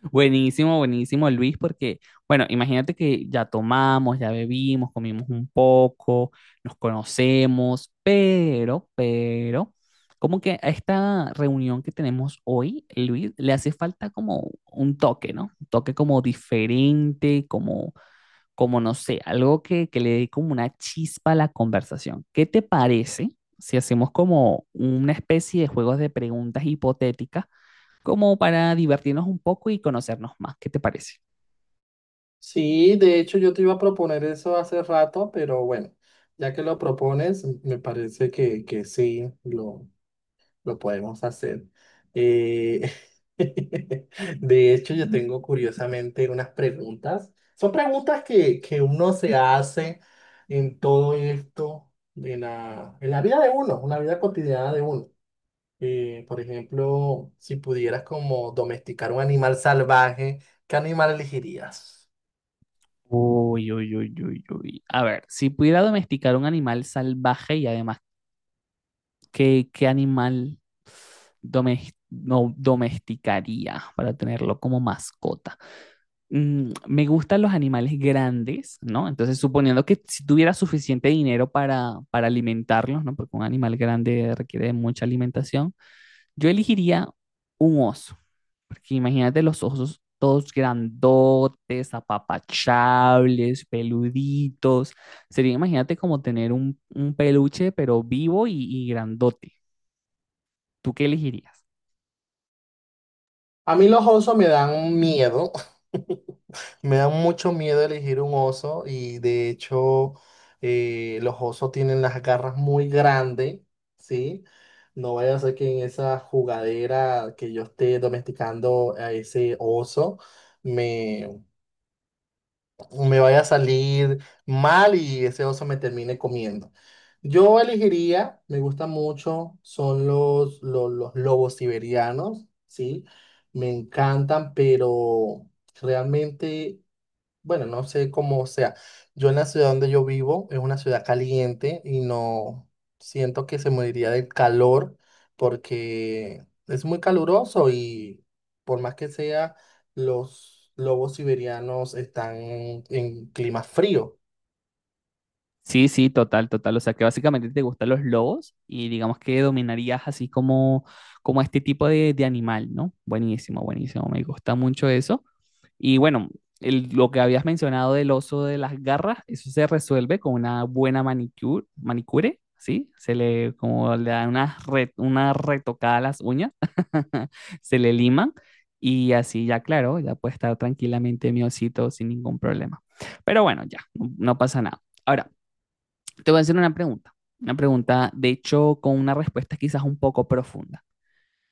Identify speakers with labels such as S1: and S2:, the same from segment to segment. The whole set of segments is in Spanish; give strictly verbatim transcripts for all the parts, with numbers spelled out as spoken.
S1: Buenísimo, buenísimo, Luis, porque, bueno, imagínate que ya tomamos, ya bebimos, comimos un poco, nos conocemos, pero, pero, como que a esta reunión que tenemos hoy, Luis, le hace falta como un toque, ¿no? Un toque como diferente, como, como no sé, algo que, que le dé como una chispa a la conversación. ¿Qué te parece si hacemos como una especie de juegos de preguntas hipotéticas? Como para divertirnos un poco y conocernos más. ¿Qué te parece?
S2: Sí, de hecho yo te iba a proponer eso hace rato, pero bueno, ya que lo propones, me parece que, que sí, lo, lo podemos hacer. Eh, de hecho, yo tengo curiosamente unas preguntas. Son preguntas que, que uno se hace en todo esto, en la, en la vida de uno, en la vida cotidiana de uno. Eh, por ejemplo, si pudieras como domesticar un animal salvaje, ¿qué animal elegirías?
S1: Uy, uy, uy, uy, uy. A ver, si pudiera domesticar un animal salvaje y además, ¿qué, qué animal domes- no, ¿domesticaría para tenerlo como mascota? Mm, me gustan los animales grandes, ¿no? Entonces, suponiendo que si tuviera suficiente dinero para, para alimentarlos, ¿no? Porque un animal grande requiere de mucha alimentación. Yo elegiría un oso, porque imagínate los osos todos grandotes, apapachables, peluditos. Sería, imagínate como tener un, un peluche, pero vivo y, y grandote. ¿Tú qué elegirías?
S2: A mí los osos me dan miedo, me dan mucho miedo elegir un oso y de hecho eh, los osos tienen las garras muy grandes, ¿sí? No vaya a ser que en esa jugadera que yo esté domesticando a ese oso me vaya a salir mal y ese oso me termine comiendo. Yo elegiría, me gusta mucho, son los, los, los lobos siberianos, ¿sí? Me encantan, pero realmente bueno, no sé cómo sea. Yo en la ciudad donde yo vivo es una ciudad caliente y no siento que se moriría del calor porque es muy caluroso y por más que sea, los lobos siberianos están en clima frío.
S1: Sí, sí, total, total. O sea, que básicamente te gustan los lobos y digamos que dominarías así como, como este tipo de, de animal, ¿no? Buenísimo, buenísimo. Me gusta mucho eso. Y bueno, el- lo que habías mencionado del oso de las garras, eso se resuelve con una buena manicure, manicure, ¿sí? Se le, como le da una, re- una retocada a las uñas, se le liman y así ya, claro, ya puede estar tranquilamente mi osito sin ningún problema. Pero bueno, ya, no no pasa nada. Ahora. Te voy a hacer una pregunta, una pregunta, de hecho, con una respuesta quizás un poco profunda.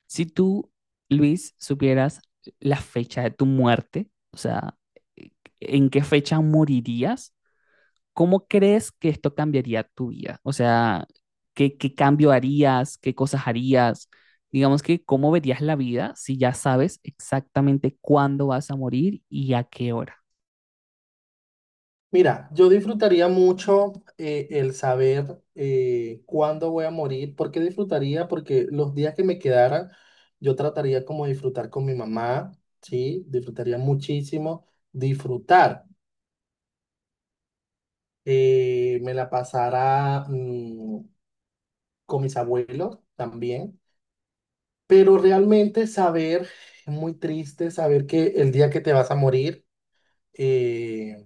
S1: Si tú, Luis, supieras la fecha de tu muerte, o sea, en qué fecha morirías, ¿cómo crees que esto cambiaría tu vida? O sea, ¿qué, qué cambio harías? ¿Qué cosas harías? Digamos que, ¿cómo verías la vida si ya sabes exactamente cuándo vas a morir y a qué hora?
S2: Mira, yo disfrutaría mucho eh, el saber eh, cuándo voy a morir. ¿Por qué disfrutaría? Porque los días que me quedaran, yo trataría como de disfrutar con mi mamá, ¿sí? Disfrutaría muchísimo. Disfrutar. Eh, me la pasará mm, con mis abuelos también. Pero realmente saber, es muy triste saber que el día que te vas a morir, eh,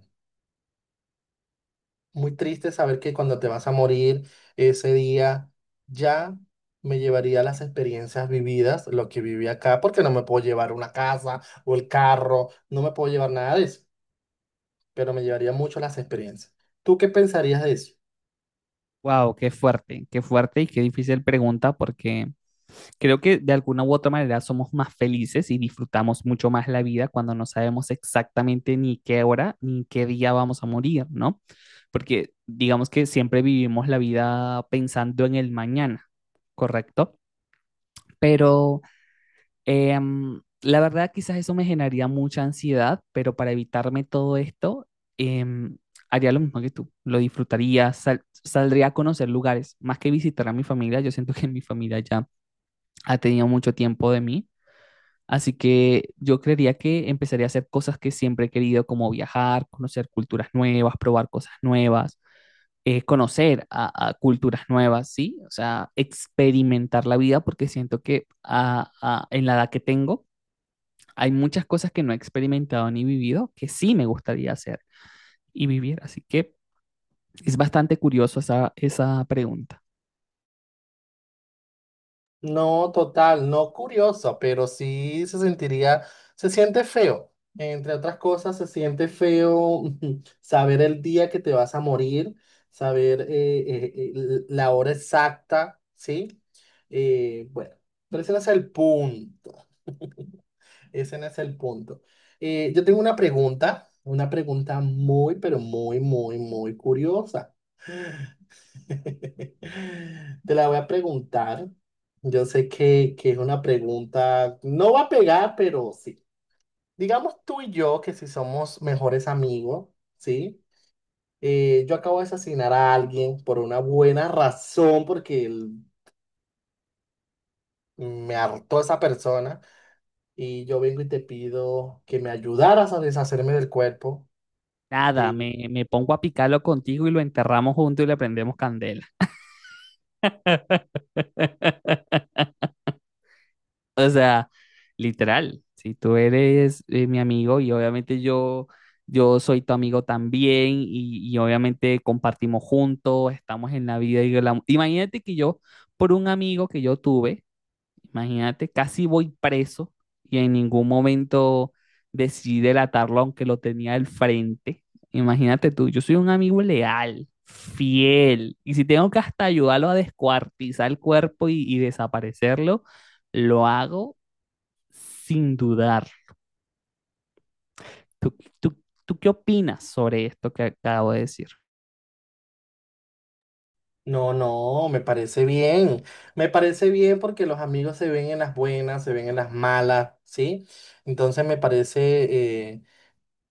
S2: muy triste saber que cuando te vas a morir ese día ya me llevaría las experiencias vividas, lo que viví acá, porque no me puedo llevar una casa o el carro, no me puedo llevar nada de eso, pero me llevaría mucho las experiencias. ¿Tú qué pensarías de eso?
S1: Wow, qué fuerte, qué fuerte y qué difícil pregunta porque creo que de alguna u otra manera somos más felices y disfrutamos mucho más la vida cuando no sabemos exactamente ni qué hora ni qué día vamos a morir, ¿no? Porque digamos que siempre vivimos la vida pensando en el mañana, ¿correcto? Pero em, la verdad quizás eso me generaría mucha ansiedad, pero para evitarme todo esto, em, haría lo mismo que tú, lo disfrutaría, sal- saldría a conocer lugares, más que visitar a mi familia, yo siento que mi familia ya ha tenido mucho tiempo de mí. Así que yo creería que empezaría a hacer cosas que siempre he querido, como viajar, conocer culturas nuevas, probar cosas nuevas, eh, conocer a, a culturas nuevas, ¿sí? O sea, experimentar la vida, porque siento que a- a- en la edad que tengo hay muchas cosas que no he experimentado ni vivido que sí me gustaría hacer y vivir. Así que es bastante curioso esa, esa pregunta.
S2: No, total, no curioso, pero sí se sentiría, se siente feo. Entre otras cosas, se siente feo saber el día que te vas a morir, saber eh, eh, eh, l- la hora exacta, ¿sí? Eh, bueno, pero ese no es el punto, ese no es el punto. Eh, yo tengo una pregunta, una pregunta muy, pero muy, muy, muy curiosa. Te la voy a preguntar. Yo sé que, que es una pregunta, no va a pegar, pero sí. Digamos tú y yo que si somos mejores amigos, ¿sí? Eh, yo acabo de asesinar a alguien por una buena razón, porque el- me hartó esa persona, y yo vengo y te pido que me ayudaras a deshacerme del cuerpo.
S1: Nada,
S2: eh,
S1: me, me pongo a picarlo contigo y lo enterramos juntos y le prendemos candela. O sea, literal, si tú eres eh, mi amigo y obviamente yo, yo soy tu amigo también y, y obviamente compartimos juntos, estamos en la vida y el amor. Imagínate que yo, por un amigo que yo tuve, imagínate, casi voy preso y en ningún momento decidí delatarlo aunque lo tenía al frente. Imagínate tú, yo soy un amigo leal, fiel, y si tengo que hasta ayudarlo a descuartizar el cuerpo y y desaparecerlo, lo hago sin dudar. ¿Tú, tú, tú qué opinas sobre esto que acabo de decir?
S2: No, no, me parece bien. Me parece bien porque los amigos se ven en las buenas, se ven en las malas, ¿sí? Entonces me parece eh,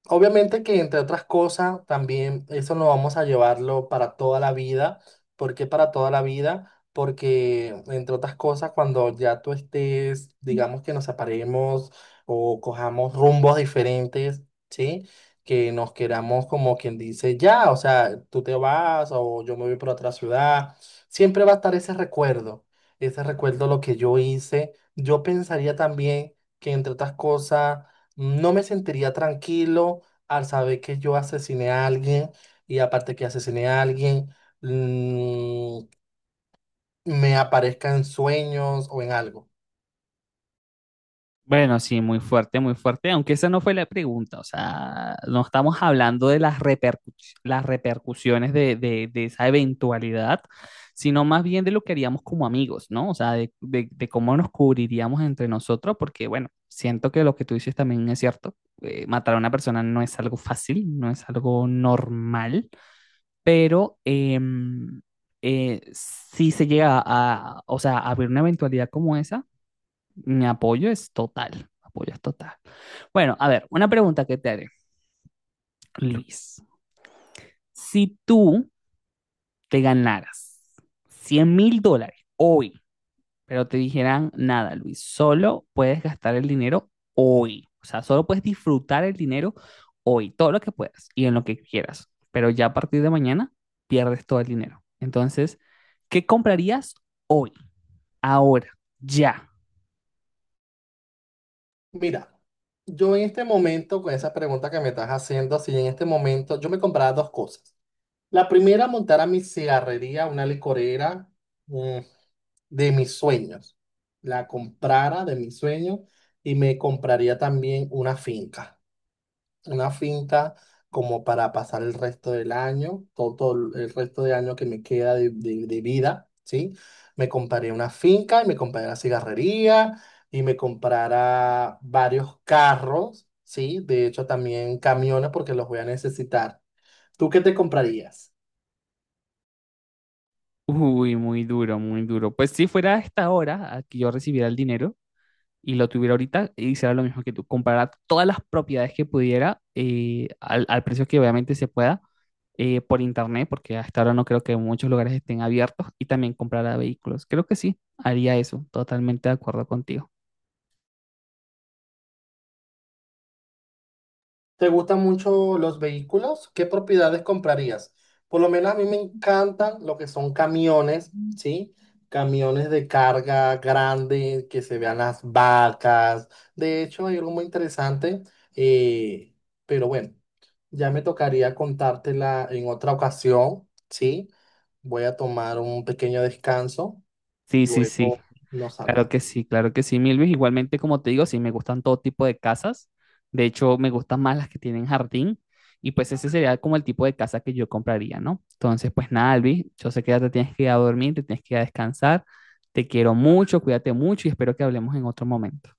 S2: obviamente que entre otras cosas, también eso no vamos a llevarlo para toda la vida. ¿Por qué para toda la vida? Porque entre otras cosas, cuando ya tú estés, digamos que nos separemos o cojamos rumbos diferentes, ¿sí? Que nos queramos como quien dice, ya, o sea, tú te vas o yo me voy por otra ciudad, siempre va a estar ese recuerdo, ese recuerdo lo que yo hice. Yo pensaría también que entre otras cosas, no me sentiría tranquilo al saber que yo asesiné a alguien y aparte que asesiné a alguien, mm, me aparezca en sueños o en algo.
S1: Bueno, sí, muy fuerte, muy fuerte, aunque esa no fue la pregunta, o sea, no estamos hablando de las, repercu- las repercusiones de, de- de esa eventualidad, sino más bien de lo que haríamos como amigos, ¿no? O sea, de, de- de cómo nos cubriríamos entre nosotros, porque bueno, siento que lo que tú dices también es cierto, eh, matar a una persona no es algo fácil, no es algo normal, pero em, eh, si se llega a, o sea, a abrir una eventualidad como esa, mi apoyo es total, apoyo es total. Bueno, a ver, una pregunta que te haré, Luis. Si tú te ganaras cien mil dólares hoy, pero te dijeran, nada, Luis, solo puedes gastar el dinero hoy. O sea, solo puedes disfrutar el dinero hoy, todo lo que puedas y en lo que quieras. Pero ya a partir de mañana pierdes todo el dinero. Entonces, ¿qué comprarías hoy, ahora, ya?
S2: Mira, yo en este momento, con esa pregunta que me estás haciendo, si en este momento yo me compraba dos cosas. La primera, montar a mi cigarrería, una licorera, mm, de mis sueños. La comprara de mis sueños y me compraría también una finca. Una finca como para pasar el resto del año, todo, todo el resto del año que me queda de, de- de vida, ¿sí? Me compraré una finca y me compraré una cigarrería y me comprará varios carros, ¿sí? De hecho, también camiones porque los voy a necesitar. ¿Tú qué te comprarías?
S1: Uy, muy duro, muy duro. Pues si fuera a esta hora a que yo recibiera el dinero y lo tuviera ahorita, hiciera lo mismo que tú, comprara todas las propiedades que pudiera eh, al, al precio que obviamente se pueda eh, por internet, porque hasta ahora no creo que muchos lugares estén abiertos, y también comprara vehículos. Creo que sí, haría eso, totalmente de acuerdo contigo.
S2: ¿Te gustan mucho los vehículos? ¿Qué propiedades comprarías? Por lo menos a mí me encantan lo que son camiones, ¿sí? Camiones de carga grande, que se vean las vacas. De hecho, hay algo muy interesante, eh, pero bueno, ya me tocaría contártela en otra ocasión, ¿sí? Voy a tomar un pequeño descanso,
S1: Sí, sí, sí,
S2: luego nos
S1: claro que
S2: hablamos.
S1: sí, claro que sí, Milvis. Igualmente, como te digo, sí, me gustan todo tipo de casas. De hecho, me gustan más las que tienen jardín. Y pues ese sería como el tipo de casa que yo compraría, ¿no? Entonces, pues nada, Alvis, yo sé que ya te tienes que ir a dormir, te tienes que ir a descansar. Te quiero mucho, cuídate mucho y espero que hablemos en otro momento.